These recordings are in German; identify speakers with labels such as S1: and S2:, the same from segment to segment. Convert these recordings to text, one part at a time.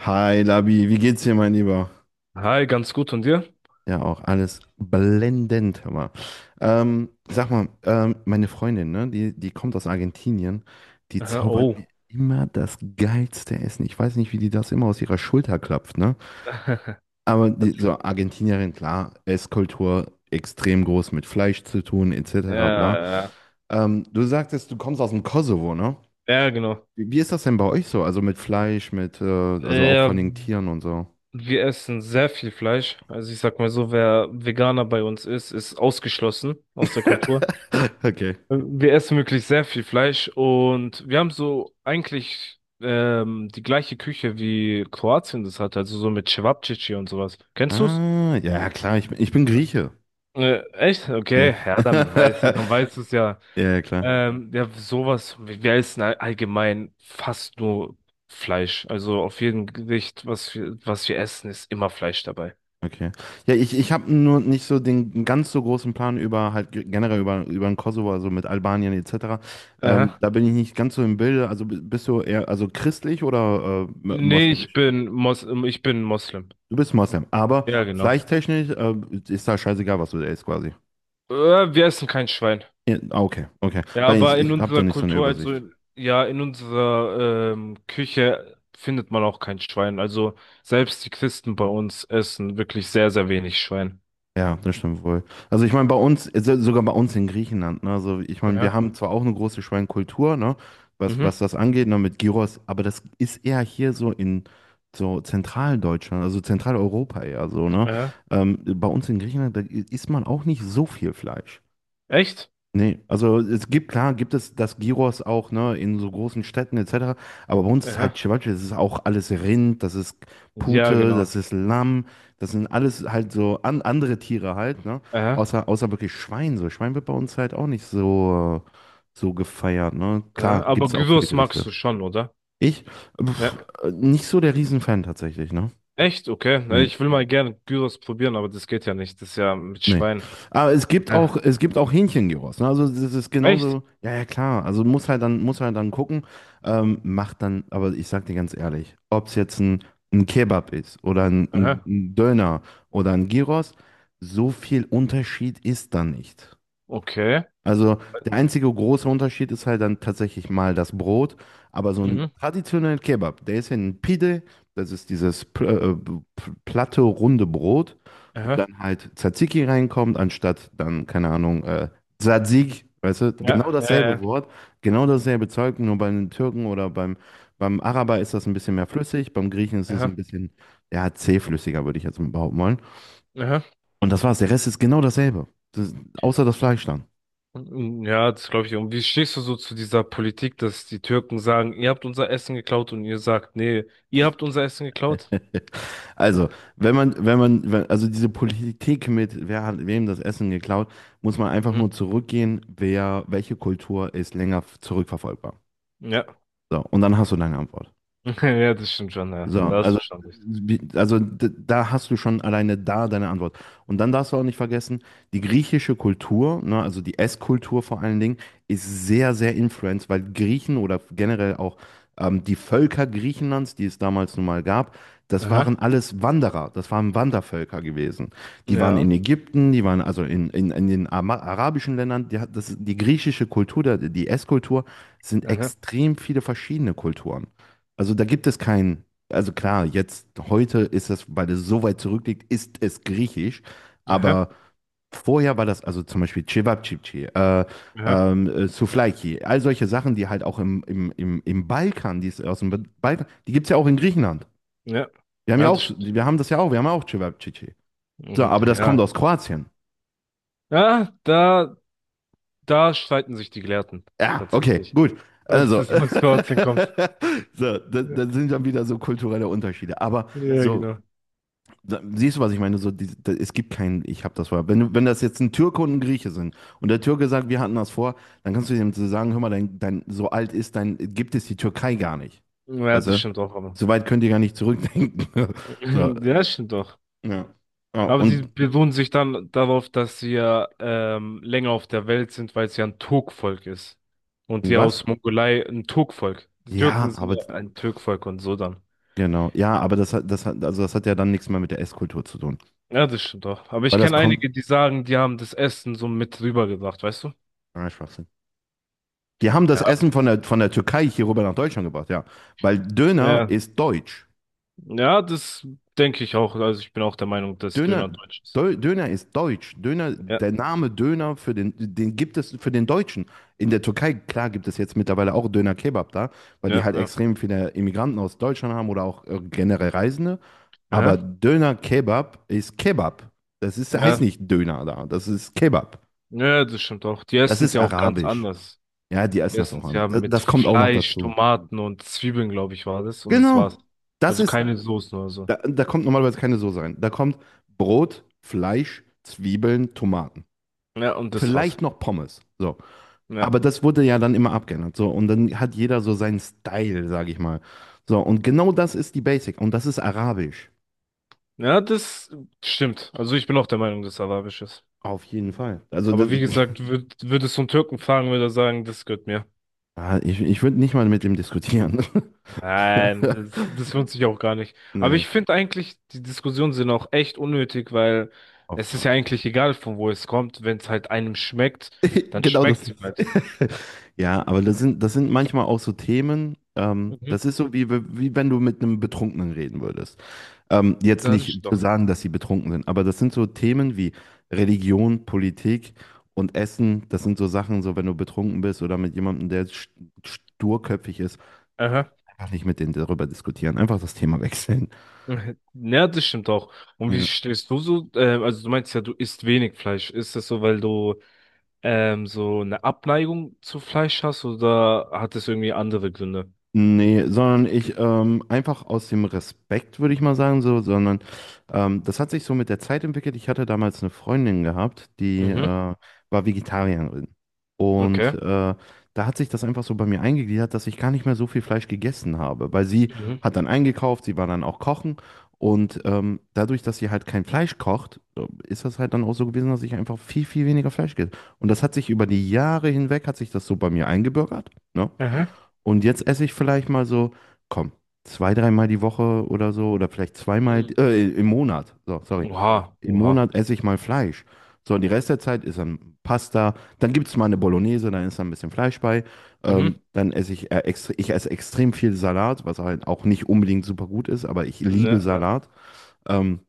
S1: Hi Labi, wie geht's dir, mein Lieber?
S2: Hi, ganz gut und dir?
S1: Ja, auch alles blendend, hör mal. Sag mal, meine Freundin, ne, die kommt aus Argentinien, die
S2: Aha,
S1: zaubert mir
S2: oh.
S1: immer das geilste Essen. Ich weiß nicht, wie die das immer aus ihrer Schulter klopft, ne? Aber die, so Argentinierin, klar, Esskultur extrem groß mit Fleisch zu tun,
S2: Ja,
S1: etc. bla.
S2: ja,
S1: Du sagtest, du kommst aus dem Kosovo, ne?
S2: ja, genau.
S1: Wie ist das denn bei euch so? Also mit Fleisch, mit, also auch
S2: Ja,
S1: von den Tieren und so.
S2: wir essen sehr viel Fleisch. Also ich sag mal so, wer Veganer bei uns ist, ist ausgeschlossen aus der Kultur.
S1: Okay.
S2: Wir essen wirklich sehr viel Fleisch und wir haben so eigentlich die gleiche Küche wie Kroatien das hat, also so mit Cevapcici und sowas. Kennst du's?
S1: Ah, ja, klar, ich bin Grieche.
S2: Echt?
S1: Ja.
S2: Okay, ja, dann weißt du, dann weißt du's ja.
S1: Ja, klar.
S2: Ja, sowas, wir essen allgemein fast nur Fleisch. Also auf jedem Gericht, was wir essen, ist immer Fleisch dabei.
S1: Okay. Ja, ich habe nur nicht so den ganz so großen Plan über halt generell über den Kosovo, also mit Albanien etc.
S2: Aha.
S1: Da bin ich nicht ganz so im Bilde. Also bist du eher also christlich oder
S2: Nee,
S1: moslemisch?
S2: ich bin Moslem.
S1: Du bist Moslem, aber
S2: Ja, genau.
S1: fleischttechnisch ist da scheißegal, was du isst quasi.
S2: Äh, Wir essen kein Schwein.
S1: Ja, ah, okay, okay.
S2: Ja,
S1: Weil ich,
S2: aber in
S1: ich habe da
S2: unserer
S1: nicht so eine
S2: Kultur, also
S1: Übersicht.
S2: in, ja, in unserer Küche findet man auch kein Schwein. Also selbst die Christen bei uns essen wirklich sehr, sehr wenig Schwein.
S1: Ja, das stimmt wohl. Also ich meine, bei uns, sogar bei uns in Griechenland, ne? Also ich meine, wir
S2: Aha.
S1: haben zwar auch eine große Schweinekultur, ne? Was,
S2: Mhm.
S1: was das angeht, ne, mit Gyros, aber das ist eher hier so in so Zentraldeutschland, also Zentraleuropa eher so, ne?
S2: Aha.
S1: Bei uns in Griechenland, da isst man auch nicht so viel Fleisch.
S2: Echt?
S1: Nee, also es gibt, klar, gibt es das Gyros auch, ne, in so großen Städten etc. Aber bei uns ist halt
S2: Aha.
S1: Ceviche, das ist auch alles Rind, das ist
S2: Ja,
S1: Pute, das
S2: genau.
S1: ist Lamm, das sind alles halt so andere Tiere halt, ne? Außer wirklich Schwein. So, Schwein wird bei uns halt auch nicht so gefeiert, ne?
S2: Ja,
S1: Klar, gibt
S2: aber
S1: es auch viele
S2: Gyros magst
S1: Gerichte.
S2: du schon, oder?
S1: Ich, pf,
S2: Ja.
S1: nicht so der Riesenfan tatsächlich, ne?
S2: Echt? Okay. Na,
S1: Nee.
S2: ich will mal gerne Gyros probieren, aber das geht ja nicht. Das ist ja mit
S1: Nee.
S2: Schwein.
S1: Aber
S2: Ja.
S1: es gibt auch Hähnchengyros. Ne? Also das ist
S2: Echt?
S1: genauso, ja, ja, klar. Also muss halt dann gucken, macht dann, aber ich sag dir ganz ehrlich, ob es jetzt ein Kebab ist oder ein, ein
S2: Aha.
S1: ein Döner oder ein Gyros, so viel Unterschied ist da nicht.
S2: Okay.
S1: Also der einzige große Unterschied ist halt dann tatsächlich mal das Brot, aber so ein
S2: Mhm.
S1: traditioneller Kebab, der ist ja ein Pide, das ist dieses platte, runde Brot, wo
S2: Aha.
S1: dann halt Tzatziki reinkommt, anstatt dann, keine Ahnung, Tzatziki, weißt du, genau
S2: Ja.
S1: dasselbe Wort, genau dasselbe Zeug, nur bei den Türken oder beim Araber ist das ein bisschen mehr flüssig, beim Griechen ist es ein
S2: Aha.
S1: bisschen, ja, zähflüssiger, würde ich jetzt mal behaupten wollen.
S2: Aha.
S1: Und das war's, der Rest ist genau dasselbe, das, außer das Fleisch dann.
S2: Mm, ja, das glaube ich. Und wie stehst du so zu dieser Politik, dass die Türken sagen, ihr habt unser Essen geklaut und ihr sagt, nee, ihr habt unser Essen geklaut?
S1: Also,
S2: Mhm.
S1: wenn man, wenn man, wenn, also diese Politik mit, wer hat wem das Essen geklaut, muss man einfach nur zurückgehen, wer, welche Kultur ist länger zurückverfolgbar.
S2: Ja.
S1: So, und dann hast du deine Antwort.
S2: Ja, das stimmt schon, ja.
S1: So. Mhm.
S2: Da hast
S1: Also,
S2: du schon recht.
S1: also da hast du schon alleine da deine Antwort. Und dann darfst du auch nicht vergessen, die griechische Kultur, ne, also die Esskultur vor allen Dingen, ist sehr, sehr influenced, weil Griechen oder generell auch die Völker Griechenlands, die es damals nun mal gab, das waren
S2: Aha.
S1: alles Wanderer, das waren Wandervölker gewesen. Die waren
S2: Ja.
S1: in Ägypten, die waren also in den arabischen Ländern. Die griechische Kultur, die Esskultur, sind
S2: Aha.
S1: extrem viele verschiedene Kulturen. Also da gibt es keinen. Also klar, jetzt heute ist das, weil es so weit zurückliegt, ist es griechisch,
S2: Aha.
S1: aber vorher war das, also zum Beispiel Cevapcici,
S2: Aha.
S1: Souvlaki, all solche Sachen, die halt auch im Balkan, die ist aus dem Balkan, die gibt es ja auch in Griechenland.
S2: Ja.
S1: Wir haben ja
S2: Ja,
S1: auch,
S2: das stimmt.
S1: wir haben das ja auch, wir haben ja auch Cevapcici. So,
S2: Und
S1: aber das kommt
S2: ja,
S1: aus Kroatien.
S2: ja, da, da streiten sich die Gelehrten
S1: Ja, okay,
S2: tatsächlich,
S1: gut.
S2: ob
S1: Also,
S2: es jetzt aus Kroatien kommt.
S1: so, das sind dann wieder so kulturelle Unterschiede. Aber
S2: Ja, ja,
S1: so,
S2: genau.
S1: Siehst du, was ich meine? So, die, da, es gibt keinen, ich habe das vorher. Wenn das jetzt ein Türke und ein Grieche sind und der Türke sagt, wir hatten das vor, dann kannst du dem so sagen, hör mal, dein, dein, so alt ist dein, gibt es die Türkei gar nicht.
S2: Ja,
S1: Weißt
S2: das
S1: du?
S2: stimmt auch, aber.
S1: So weit könnt ihr gar nicht zurückdenken. So,
S2: Ja, das stimmt doch.
S1: ja. Ja,
S2: Aber die
S1: und,
S2: beruhen sich dann darauf, dass sie ja länger auf der Welt sind, weil es ja ein Turkvolk ist. Und
S1: und
S2: die
S1: was?
S2: aus Mongolei ein Turkvolk. Die Türken
S1: Ja,
S2: sind
S1: aber
S2: ja ein Türkvolk und so dann.
S1: genau. Ja, aber also das hat ja dann nichts mehr mit der Esskultur zu tun.
S2: Ja, das stimmt doch. Aber
S1: Weil
S2: ich
S1: das
S2: kenne
S1: kommt.
S2: einige, die sagen, die haben das Essen so mit rübergebracht, weißt du?
S1: Ah, Schwachsinn. Die haben das
S2: Ja,
S1: Essen von der Türkei hier rüber nach Deutschland gebracht, ja. Weil Döner
S2: ja.
S1: ist deutsch.
S2: Ja, das denke ich auch. Also ich bin auch der Meinung, dass
S1: Döner,
S2: Döner deutsch ist.
S1: Döner ist deutsch. Döner,
S2: Ja,
S1: der Name Döner den gibt es für den Deutschen. In der Türkei, klar, gibt es jetzt mittlerweile auch Döner Kebab da, weil die
S2: ja,
S1: halt
S2: ja.
S1: extrem viele Immigranten aus Deutschland haben oder auch generell Reisende. Aber
S2: Aha,
S1: Döner Kebab ist Kebab. Heißt
S2: ja.
S1: nicht Döner da, das ist Kebab.
S2: Ja, das stimmt auch. Die
S1: Das
S2: essen es
S1: ist
S2: ja auch ganz
S1: arabisch.
S2: anders.
S1: Ja, die
S2: Die
S1: essen das
S2: essen
S1: auch
S2: es
S1: an.
S2: ja
S1: Das,
S2: mit
S1: das kommt auch noch
S2: Fleisch,
S1: dazu.
S2: Tomaten und Zwiebeln, glaube ich, war das. Und das
S1: Genau.
S2: war's.
S1: Das
S2: Also
S1: ist,
S2: keine Soßen oder so.
S1: da kommt normalerweise keine Soße rein. Da kommt Brot, Fleisch, Zwiebeln, Tomaten,
S2: Ja, und das war's.
S1: vielleicht noch Pommes. So.
S2: Ja.
S1: Aber das wurde ja dann immer abgeändert. So. Und dann hat jeder so seinen Style, sage ich mal. So. Und genau das ist die Basic. Und das ist Arabisch.
S2: Ja, das stimmt. Also ich bin auch der Meinung, dass es arabisch ist.
S1: Auf jeden Fall. Also, das.
S2: Aber wie gesagt, würdest du einen Türken fragen, würde er sagen, das gehört mir.
S1: Ich würde nicht mal mit ihm diskutieren.
S2: Nein, das lohnt sich auch gar nicht. Aber
S1: Nee,
S2: ich finde eigentlich, die Diskussionen sind auch echt unnötig, weil
S1: oft
S2: es ist
S1: mal.
S2: ja eigentlich egal, von wo es kommt. Wenn es halt einem schmeckt, dann
S1: Genau das
S2: schmeckt es ihm
S1: ist.
S2: halt.
S1: Ja, aber das sind manchmal auch so Themen. Ähm,
S2: Mhm.
S1: das ist so, wie wenn du mit einem Betrunkenen reden würdest. Jetzt
S2: Ja, das
S1: nicht
S2: stimmt
S1: zu
S2: doch.
S1: sagen, dass sie betrunken sind, aber das sind so Themen wie Religion, Politik und Essen. Das sind so Sachen, so wenn du betrunken bist oder mit jemandem, der sturköpfig ist,
S2: Aha.
S1: einfach nicht mit denen darüber diskutieren, einfach das Thema wechseln.
S2: Ja, das stimmt auch. Und wie
S1: Ja.
S2: stehst du so? Also du meinst ja, du isst wenig Fleisch. Ist das so, weil du so eine Abneigung zu Fleisch hast oder hat das irgendwie andere Gründe?
S1: Nee, sondern ich einfach aus dem Respekt, würde ich mal sagen, so, sondern das hat sich so mit der Zeit entwickelt. Ich hatte damals eine Freundin gehabt, die
S2: Mhm.
S1: war Vegetarierin. Und
S2: Okay.
S1: da hat sich das einfach so bei mir eingegliedert, dass ich gar nicht mehr so viel Fleisch gegessen habe, weil sie
S2: Mhm.
S1: hat dann eingekauft, sie war dann auch kochen. Und dadurch, dass sie halt kein Fleisch kocht, ist das halt dann auch so gewesen, dass ich einfach viel, viel weniger Fleisch gegessen. Und das hat sich über die Jahre hinweg, hat sich das so bei mir eingebürgert, ne?
S2: Aha.
S1: Und jetzt esse ich vielleicht mal so, komm, zwei, dreimal die Woche oder so, oder vielleicht zweimal,
S2: Mhm.
S1: im Monat, so, sorry.
S2: Oha,
S1: Im
S2: oha.
S1: Monat esse ich mal Fleisch. So, und die Rest der Zeit ist dann Pasta, dann gibt es mal eine Bolognese, dann ist da ein bisschen Fleisch bei.
S2: Mhm.
S1: Dann esse ich, extre ich esse extrem viel Salat, was halt auch nicht unbedingt super gut ist, aber ich
S2: Ne,
S1: liebe Salat. Ähm,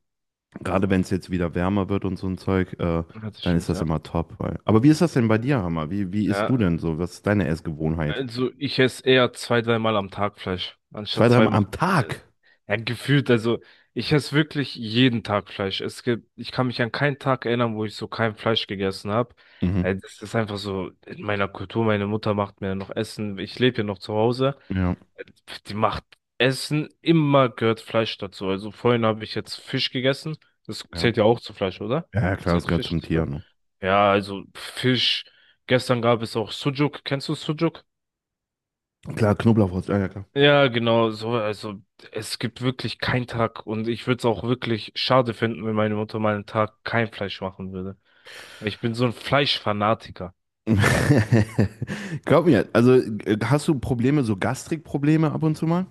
S1: gerade wenn es jetzt wieder wärmer wird und so ein Zeug,
S2: ja, das
S1: dann ist
S2: stimmt,
S1: das
S2: ja.
S1: immer top. Weil. Aber wie ist das denn bei dir, Hammer? Wie isst
S2: Ja,
S1: du denn so? Was ist deine Essgewohnheit?
S2: also ich esse eher zwei, dreimal am Tag Fleisch,
S1: Zwei,
S2: anstatt
S1: dreimal
S2: zweimal.
S1: am Tag?
S2: Äh, ja, gefühlt, also ich esse wirklich jeden Tag Fleisch. Es gibt, ich kann mich an keinen Tag erinnern, wo ich so kein Fleisch gegessen habe.
S1: Mhm.
S2: Das ist einfach so in meiner Kultur. Meine Mutter macht mir noch Essen. Ich lebe ja noch zu Hause.
S1: Ja,
S2: Äh, Die macht Essen, immer gehört Fleisch dazu. Also vorhin habe ich jetzt Fisch gegessen. Das
S1: ja.
S2: zählt ja auch zu Fleisch, oder?
S1: Ja, klar, es
S2: Zählt
S1: gehört
S2: Fisch
S1: zum
S2: zu
S1: Tier,
S2: Fleisch?
S1: ne?
S2: Ja, also Fisch. Gestern gab es auch Sujuk. Kennst du Sujuk?
S1: Klar, Knoblauchwurst, ja, ja, klar.
S2: Ja, genau, so, also es gibt wirklich keinen Tag und ich würde es auch wirklich schade finden, wenn meine Mutter mal einen Tag kein Fleisch machen würde. Weil ich bin so ein Fleischfanatiker.
S1: Glaub mir, also hast du Probleme, so Gastrikprobleme ab und zu mal?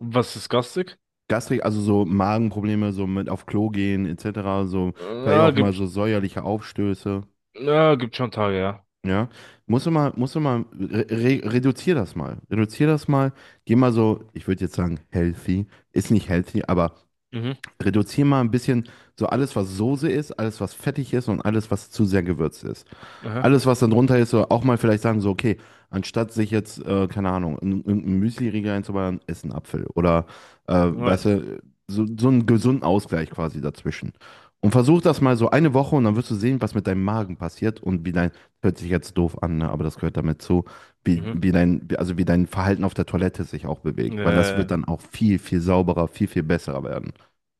S2: Was ist garstig?
S1: Gastrik, also so Magenprobleme, so mit auf Klo gehen, etc., so vielleicht
S2: Ja,
S1: auch mal so säuerliche Aufstöße,
S2: ja gibt schon Tage, ja.
S1: ja? Musst du mal, re re reduzier das mal. Reduzier das mal, geh mal so, ich würde jetzt sagen, healthy, ist nicht healthy, aber
S2: Mhm,
S1: reduzier mal ein bisschen so alles, was Soße ist, alles, was fettig ist und alles, was zu sehr gewürzt ist.
S2: aha,
S1: Alles, was dann drunter ist, so auch mal vielleicht sagen, so, okay, anstatt sich jetzt, keine Ahnung, einen Müsli-Riegel einzuballern, ess einen Apfel. Oder, weißt
S2: na,
S1: du, so, einen gesunden Ausgleich quasi dazwischen. Und versuch das mal so eine Woche und dann wirst du sehen, was mit deinem Magen passiert und wie dein, hört sich jetzt doof an, ne? Aber das gehört damit zu, wie,
S2: mhm.
S1: wie dein, wie- also wie dein Verhalten auf der Toilette sich auch bewegt. Weil das wird
S2: Äh,
S1: dann auch viel, viel sauberer, viel, viel besser werden.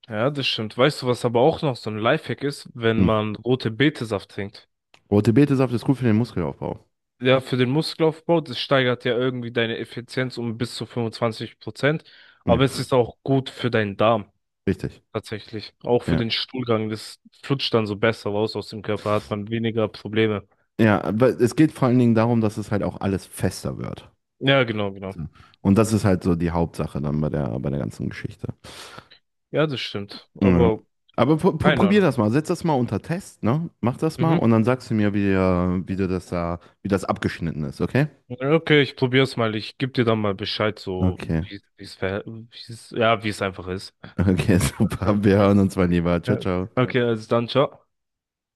S2: ja, das stimmt. Weißt du, was aber auch noch so ein Lifehack ist, wenn
S1: Hm.
S2: man rote Betesaft trinkt?
S1: Rote Betesaft ist gut für den Muskelaufbau.
S2: Ja, für den Muskelaufbau, das steigert ja irgendwie deine Effizienz um bis zu 25%. Aber es
S1: Ja,
S2: ist auch gut für deinen Darm,
S1: richtig.
S2: tatsächlich. Auch für
S1: Ja.
S2: den Stuhlgang. Das flutscht dann so besser raus aus dem Körper, hat man weniger Probleme.
S1: Ja, aber es geht vor allen Dingen darum, dass es halt auch alles fester wird.
S2: Ja, genau, genau.
S1: So. Und das ist halt so die Hauptsache dann bei der ganzen Geschichte.
S2: Ja, das stimmt.
S1: Ja.
S2: Aber
S1: Aber
S2: keine
S1: probier
S2: Ahnung.
S1: das mal, setz das mal unter Test, ne? Mach das mal und
S2: Mhm.
S1: dann sagst du mir, wie du das da, wie das abgeschnitten ist, okay?
S2: Okay, ich probier's mal. Ich geb dir dann mal Bescheid, so
S1: Okay.
S2: wie es, ja, wie es einfach ist.
S1: Okay, super. Wir hören uns mal lieber. Ciao,
S2: Ja.
S1: ciao.
S2: Okay, also dann, ciao.